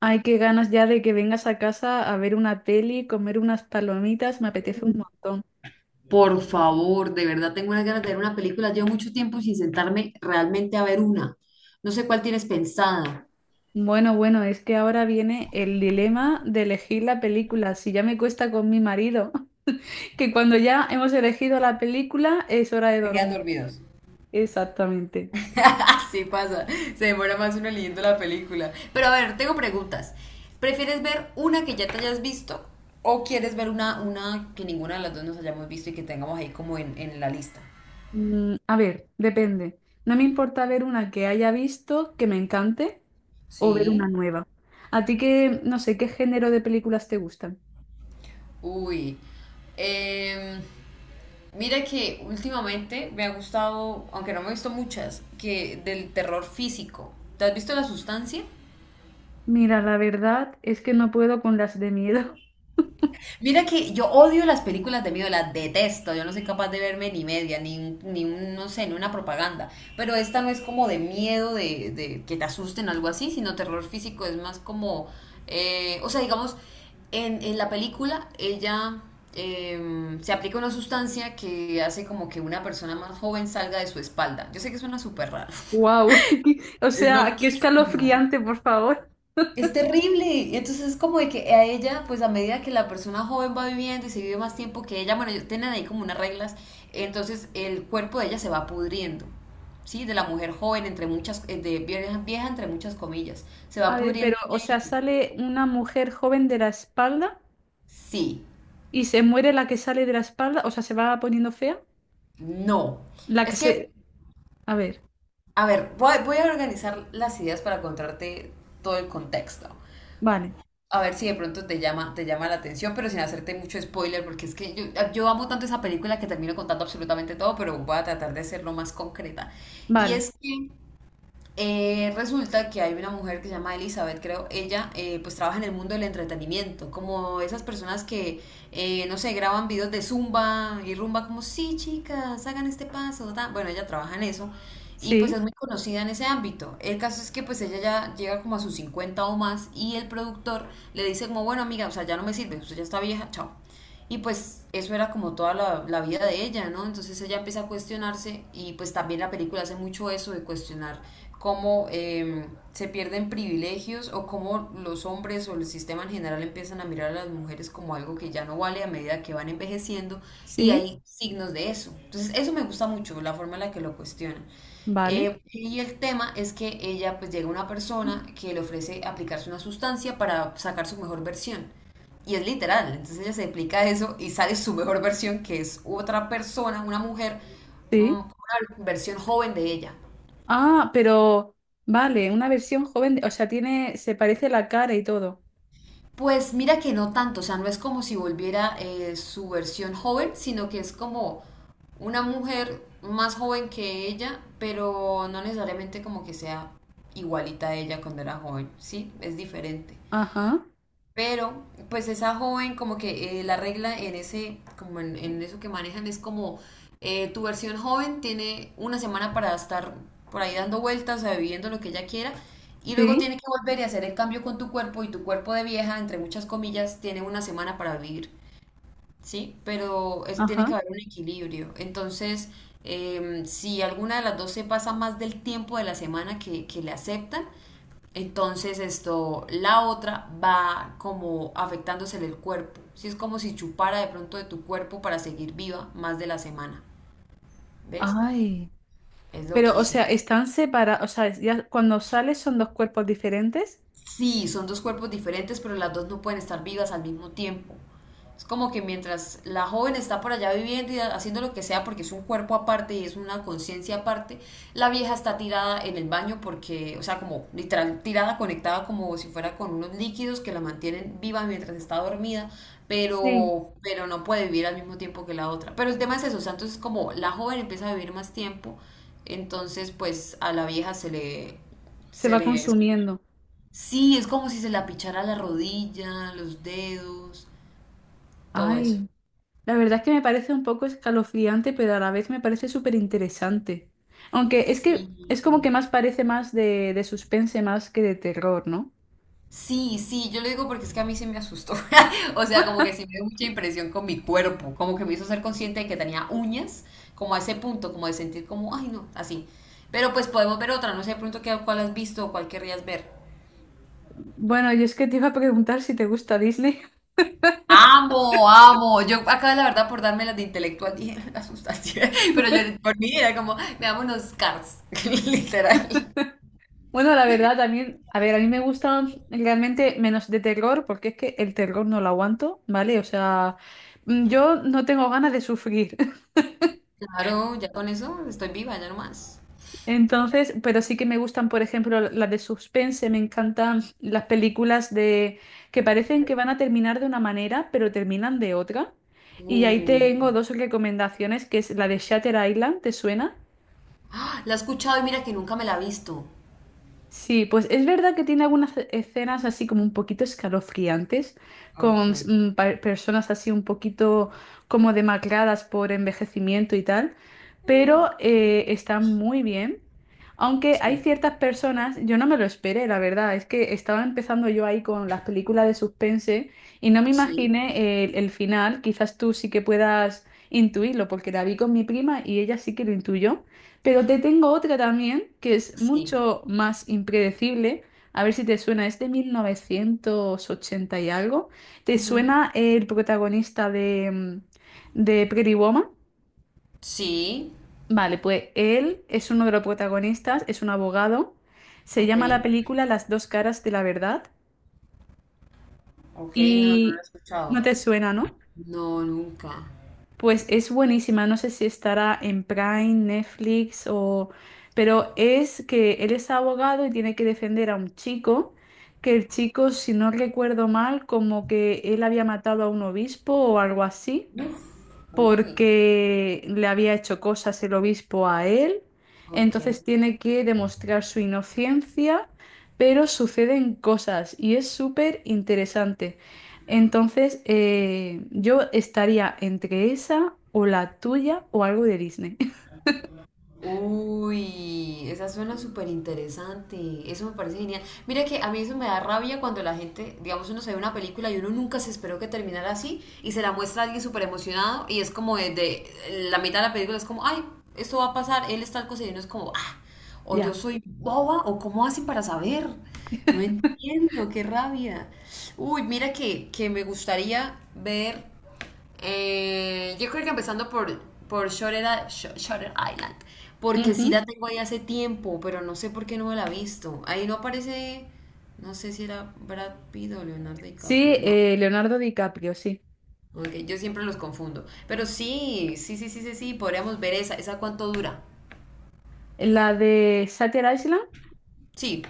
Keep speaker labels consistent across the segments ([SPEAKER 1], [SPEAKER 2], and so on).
[SPEAKER 1] Ay, qué ganas ya de que vengas a casa a ver una peli, comer unas palomitas, me apetece un montón.
[SPEAKER 2] Por favor, de verdad tengo unas ganas de ver una película. Llevo mucho tiempo sin sentarme realmente a ver una. No sé cuál tienes pensada.
[SPEAKER 1] Bueno, bueno, es que ahora viene el dilema de elegir la película. Si ya me cuesta con mi marido, que cuando ya hemos elegido la película es hora de
[SPEAKER 2] Se quedan
[SPEAKER 1] dormir.
[SPEAKER 2] dormidos.
[SPEAKER 1] Exactamente.
[SPEAKER 2] Así pasa. Se demora más uno leyendo la película. Pero a ver, tengo preguntas. ¿Prefieres ver una que ya te hayas visto o quieres ver una que ninguna de las dos nos hayamos visto y que tengamos ahí como en la lista?
[SPEAKER 1] A ver, depende. No me importa ver una que haya visto que me encante o ver una
[SPEAKER 2] Sí.
[SPEAKER 1] nueva. A ti que, no sé, ¿qué género de películas te gustan?
[SPEAKER 2] Uy. Eh, Mira que últimamente me ha gustado, aunque no me he visto muchas, que del terror físico. ¿Te has visto La Sustancia?
[SPEAKER 1] Mira, la verdad es que no puedo con las de miedo.
[SPEAKER 2] Mira que yo odio las películas de miedo, las detesto, yo no soy capaz de verme ni media, ni, ni un, no sé, ni una propaganda, pero esta no es como de miedo, de que te asusten o algo así, sino terror físico, es más como, o sea, digamos, en la película ella se aplica una sustancia que hace como que una persona más joven salga de su espalda, yo sé que suena súper raro,
[SPEAKER 1] Wow, o
[SPEAKER 2] es
[SPEAKER 1] sea, qué
[SPEAKER 2] loquísima.
[SPEAKER 1] escalofriante, por favor.
[SPEAKER 2] Es terrible. Entonces es como de que a ella, pues a medida que la persona joven va viviendo y se vive más tiempo que ella, bueno, ellos tienen ahí como unas reglas, entonces el cuerpo de ella se va pudriendo. Sí, de la mujer joven, entre muchas, de vieja, vieja, entre muchas comillas. Se va
[SPEAKER 1] A ver,
[SPEAKER 2] pudriendo.
[SPEAKER 1] pero, o sea, sale una mujer joven de la espalda
[SPEAKER 2] Sí,
[SPEAKER 1] y se muere la que sale de la espalda, o sea, se va poniendo fea.
[SPEAKER 2] no.
[SPEAKER 1] La que
[SPEAKER 2] Es
[SPEAKER 1] se...
[SPEAKER 2] que,
[SPEAKER 1] A ver,
[SPEAKER 2] a ver, voy a organizar las ideas para contarte todo el contexto.
[SPEAKER 1] vale,
[SPEAKER 2] A ver si de pronto te llama la atención, pero sin hacerte mucho spoiler, porque es que yo amo tanto esa película que termino contando absolutamente todo, pero voy a tratar de hacerlo más concreta. Y
[SPEAKER 1] vale,
[SPEAKER 2] es que resulta que hay una mujer que se llama Elizabeth, creo, ella pues trabaja en el mundo del entretenimiento, como esas personas que, no sé, graban videos de zumba y rumba como, sí, chicas, hagan este paso, ta". Bueno, ella trabaja en eso y pues
[SPEAKER 1] sí,
[SPEAKER 2] es muy conocida en ese ámbito. El caso es que pues ella ya llega como a sus 50 o más y el productor le dice como, bueno, amiga, o sea, ya no me sirve, usted ya está vieja, chao. Y pues eso era como toda la vida de ella, ¿no? Entonces ella empieza a cuestionarse y pues también la película hace mucho eso de cuestionar cómo se pierden privilegios o cómo los hombres o el sistema en general empiezan a mirar a las mujeres como algo que ya no vale a medida que van envejeciendo y
[SPEAKER 1] sí,
[SPEAKER 2] hay signos de eso. Entonces eso me gusta mucho, la forma en la que lo cuestionan.
[SPEAKER 1] vale,
[SPEAKER 2] Y el tema es que ella pues llega una persona que le ofrece aplicarse una sustancia para sacar su mejor versión. Y es literal, entonces ella se explica eso y sale su mejor versión, que es otra persona, una mujer,
[SPEAKER 1] sí.
[SPEAKER 2] una versión joven de ella.
[SPEAKER 1] Ah, pero, vale, una versión joven, de- o sea, tiene, se parece la cara y todo.
[SPEAKER 2] Pues mira que no tanto, o sea, no es como si volviera su versión joven, sino que es como una mujer más joven que ella, pero no necesariamente como que sea igualita a ella cuando era joven, ¿sí? Es diferente.
[SPEAKER 1] Ajá,
[SPEAKER 2] Pero, pues esa joven, como que la regla en ese, como en eso que manejan es como tu versión joven tiene una semana para estar por ahí dando vueltas, o sea, viviendo lo que ella quiera, y luego
[SPEAKER 1] sí,
[SPEAKER 2] tiene que volver y hacer el cambio con tu cuerpo, y tu cuerpo de vieja, entre muchas comillas, tiene una semana para vivir, ¿sí? Pero es, tiene
[SPEAKER 1] ajá.
[SPEAKER 2] que haber un equilibrio. Entonces, si alguna de las dos se pasa más del tiempo de la semana que le aceptan, entonces esto, la otra va como afectándosele el cuerpo. Sí es como si chupara de pronto de tu cuerpo para seguir viva más de la semana. ¿Ves?
[SPEAKER 1] Ay,
[SPEAKER 2] Es
[SPEAKER 1] pero, o
[SPEAKER 2] loquísimo.
[SPEAKER 1] sea, están separados, o sea, ya cuando sales son dos cuerpos diferentes.
[SPEAKER 2] Sí, son dos cuerpos diferentes, pero las dos no pueden estar vivas al mismo tiempo. Es como que mientras la joven está por allá viviendo y haciendo lo que sea porque es un cuerpo aparte y es una conciencia aparte, la vieja está tirada en el baño porque, o sea, como literal, tirada, conectada como si fuera con unos líquidos que la mantienen viva mientras está dormida,
[SPEAKER 1] Sí,
[SPEAKER 2] pero no puede vivir al mismo tiempo que la otra. Pero el tema es eso, o sea, entonces como la joven empieza a vivir más tiempo, entonces pues a la vieja se le,
[SPEAKER 1] se
[SPEAKER 2] se
[SPEAKER 1] va
[SPEAKER 2] le
[SPEAKER 1] consumiendo.
[SPEAKER 2] Sí, es como si se la pichara la rodilla, los dedos, todo eso.
[SPEAKER 1] Ay, la verdad es que me parece un poco escalofriante, pero a la vez me parece súper interesante. Aunque es que es
[SPEAKER 2] Sí,
[SPEAKER 1] como que más parece más de suspense más que de terror, ¿no?
[SPEAKER 2] sí, sí, yo lo digo porque es que a mí se me asustó. O sea, como que sí me dio mucha impresión con mi cuerpo, como que me hizo ser consciente de que tenía uñas, como a ese punto, como de sentir como, ay no, así. Pero pues podemos ver otra, no sé de pronto qué, cuál has visto o cuál querrías ver.
[SPEAKER 1] Bueno, y es que te iba a preguntar si te gusta Disney.
[SPEAKER 2] Amo, amo. Yo acá la verdad por darme las de intelectual dije, me asustaste. Pero yo por mí era como, veamos unos Cars, literal.
[SPEAKER 1] Bueno, la verdad también, a ver, a mí me gusta realmente menos de terror, porque es que el terror no lo aguanto, ¿vale? O sea, yo no tengo ganas de sufrir.
[SPEAKER 2] Claro, ya con eso estoy viva, ya no más.
[SPEAKER 1] Entonces, pero sí que me gustan, por ejemplo, las de suspense, me encantan las películas de que parecen que van a terminar de una manera, pero terminan de otra. Y ahí
[SPEAKER 2] Uh,
[SPEAKER 1] tengo dos recomendaciones, que es la de Shutter Island, ¿te suena?
[SPEAKER 2] ¡Ah! La he escuchado y mira que nunca me la he visto.
[SPEAKER 1] Sí, pues es verdad que tiene algunas escenas así como un poquito escalofriantes,
[SPEAKER 2] Ok.
[SPEAKER 1] con personas así un poquito como demacradas por envejecimiento y tal, pero
[SPEAKER 2] Sí.
[SPEAKER 1] está muy bien. Aunque hay
[SPEAKER 2] Sí.
[SPEAKER 1] ciertas personas, yo no me lo esperé, la verdad, es que estaba empezando yo ahí con las películas de suspense y no me
[SPEAKER 2] Sí,
[SPEAKER 1] imaginé el final, quizás tú sí que puedas intuirlo, porque la vi con mi prima y ella sí que lo intuyó. Pero te tengo otra también, que es
[SPEAKER 2] sí.
[SPEAKER 1] mucho más impredecible. A ver si te suena, es de 1980 y algo. ¿Te
[SPEAKER 2] Ujú.
[SPEAKER 1] suena el protagonista de, de Pretty Woman?
[SPEAKER 2] Sí,
[SPEAKER 1] Vale, pues él es uno de los protagonistas, es un abogado. Se
[SPEAKER 2] ok,
[SPEAKER 1] llama la película Las dos caras de la verdad.
[SPEAKER 2] ok, no, no lo he
[SPEAKER 1] Y no
[SPEAKER 2] escuchado.
[SPEAKER 1] te suena, ¿no?
[SPEAKER 2] No, nunca.
[SPEAKER 1] Pues es buenísima, no sé si estará en Prime, Netflix o... Pero es que él es abogado y tiene que defender a un chico, que el chico, si no recuerdo mal, como que él había matado a un obispo o algo así
[SPEAKER 2] Uf, Uy,
[SPEAKER 1] porque le había hecho cosas el obispo a él,
[SPEAKER 2] ok.
[SPEAKER 1] entonces tiene que demostrar su inocencia, pero suceden cosas y es súper interesante. Entonces, yo estaría entre esa o la tuya o algo de Disney.
[SPEAKER 2] Uy, esa suena súper interesante. Eso me parece genial. Mira que a mí eso me da rabia cuando la gente, digamos, uno se ve una película y uno nunca se esperó que terminara así y se la muestra a alguien súper emocionado y es como de la mitad de la película es como, ay, esto va a pasar, él es tal cosa y uno es como, ah, o yo
[SPEAKER 1] Ya.
[SPEAKER 2] soy boba o cómo hacen para saber. No entiendo, qué rabia. Uy, mira que me gustaría ver. Yo creo que empezando por, Shutter, Shutter Island, porque sí
[SPEAKER 1] Ujú.
[SPEAKER 2] la tengo ahí hace tiempo, pero no sé por qué no me la he visto. Ahí no aparece, no sé si era Brad Pitt o Leonardo DiCaprio,
[SPEAKER 1] Sí,
[SPEAKER 2] no.
[SPEAKER 1] Leonardo DiCaprio, sí.
[SPEAKER 2] Ok, yo siempre los confundo. Pero sí, sí, sí, sí, sí, sí, podríamos ver esa. ¿Esa cuánto dura?
[SPEAKER 1] La de Shutter Island.
[SPEAKER 2] Sí.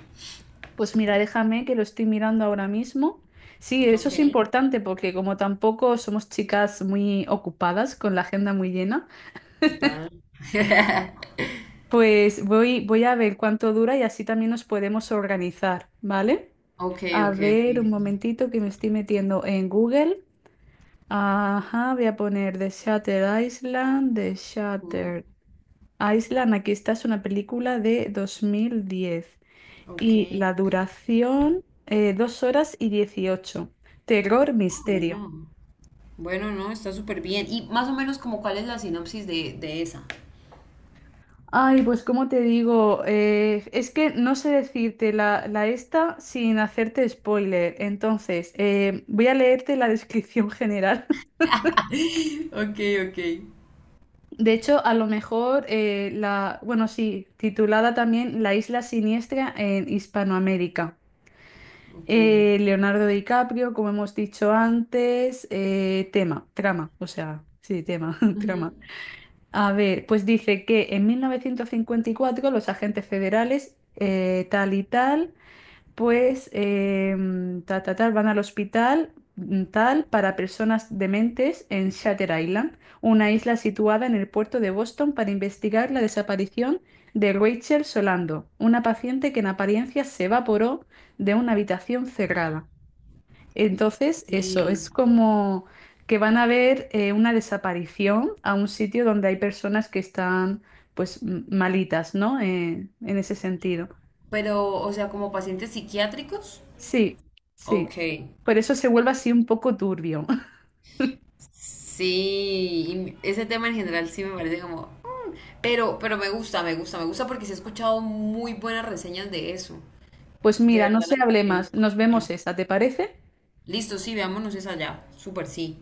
[SPEAKER 1] Pues mira, déjame que lo estoy mirando ahora mismo. Sí, eso
[SPEAKER 2] Ok,
[SPEAKER 1] es importante porque como tampoco somos chicas muy ocupadas con la agenda muy llena,
[SPEAKER 2] total.
[SPEAKER 1] pues voy, voy a ver cuánto dura y así también nos podemos organizar, ¿vale?
[SPEAKER 2] Ok,
[SPEAKER 1] A
[SPEAKER 2] ok,
[SPEAKER 1] ver, un
[SPEAKER 2] ok.
[SPEAKER 1] momentito que me estoy metiendo en Google. Ajá, voy a poner The Shutter Island, The
[SPEAKER 2] Ujú.
[SPEAKER 1] Shutter Island. Aquí está, es una película de 2010.
[SPEAKER 2] Ok,
[SPEAKER 1] Y la duración, 2 horas y 18. Terror,
[SPEAKER 2] ah,
[SPEAKER 1] misterio.
[SPEAKER 2] bueno. Bueno, no, está súper bien. Y más o menos como cuál es la sinopsis de esa.
[SPEAKER 1] Ay, pues como te digo, es que no sé decirte la, la esta sin hacerte spoiler. Entonces, voy a leerte la descripción general.
[SPEAKER 2] Ok, ok.
[SPEAKER 1] De hecho, a lo mejor la, bueno, sí, titulada también La isla siniestra en Hispanoamérica.
[SPEAKER 2] Ok.
[SPEAKER 1] Leonardo DiCaprio, como hemos dicho antes, tema, trama, o sea, sí, tema, trama.
[SPEAKER 2] Ujú.
[SPEAKER 1] A ver, pues dice que en 1954 los agentes federales, tal y tal, pues ta, ta, tal, van al hospital tal para personas dementes en Shatter Island, una isla situada en el puerto de Boston para investigar la desaparición de Rachel Solando, una paciente que en apariencia se evaporó de una habitación cerrada. Entonces,
[SPEAKER 2] Ok.
[SPEAKER 1] eso, es como que van a ver una desaparición a un sitio donde hay personas que están pues malitas, ¿no? En ese sentido.
[SPEAKER 2] Pero, o sea, como pacientes psiquiátricos.
[SPEAKER 1] Sí, sí.
[SPEAKER 2] Ok.
[SPEAKER 1] Por eso se vuelve así un poco turbio.
[SPEAKER 2] Sí, y ese tema en general sí me parece como. Pero me gusta, me gusta, me gusta porque sí he escuchado muy buenas reseñas de eso.
[SPEAKER 1] Pues
[SPEAKER 2] De
[SPEAKER 1] mira, no
[SPEAKER 2] verdad la
[SPEAKER 1] se hable
[SPEAKER 2] gente.
[SPEAKER 1] más, nos vemos esa, ¿te parece?
[SPEAKER 2] Listo, sí, veámonos esa allá. Súper, sí.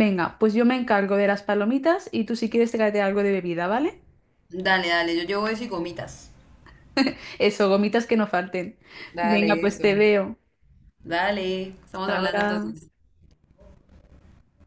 [SPEAKER 1] Venga, pues yo me encargo de las palomitas y tú si quieres tráete algo de bebida, ¿vale?
[SPEAKER 2] Dale, dale, yo llevo eso y gomitas.
[SPEAKER 1] Eso, gomitas que no falten. Venga,
[SPEAKER 2] Dale,
[SPEAKER 1] pues te
[SPEAKER 2] eso.
[SPEAKER 1] veo.
[SPEAKER 2] Dale, estamos
[SPEAKER 1] Hasta
[SPEAKER 2] hablando
[SPEAKER 1] ahora.
[SPEAKER 2] entonces.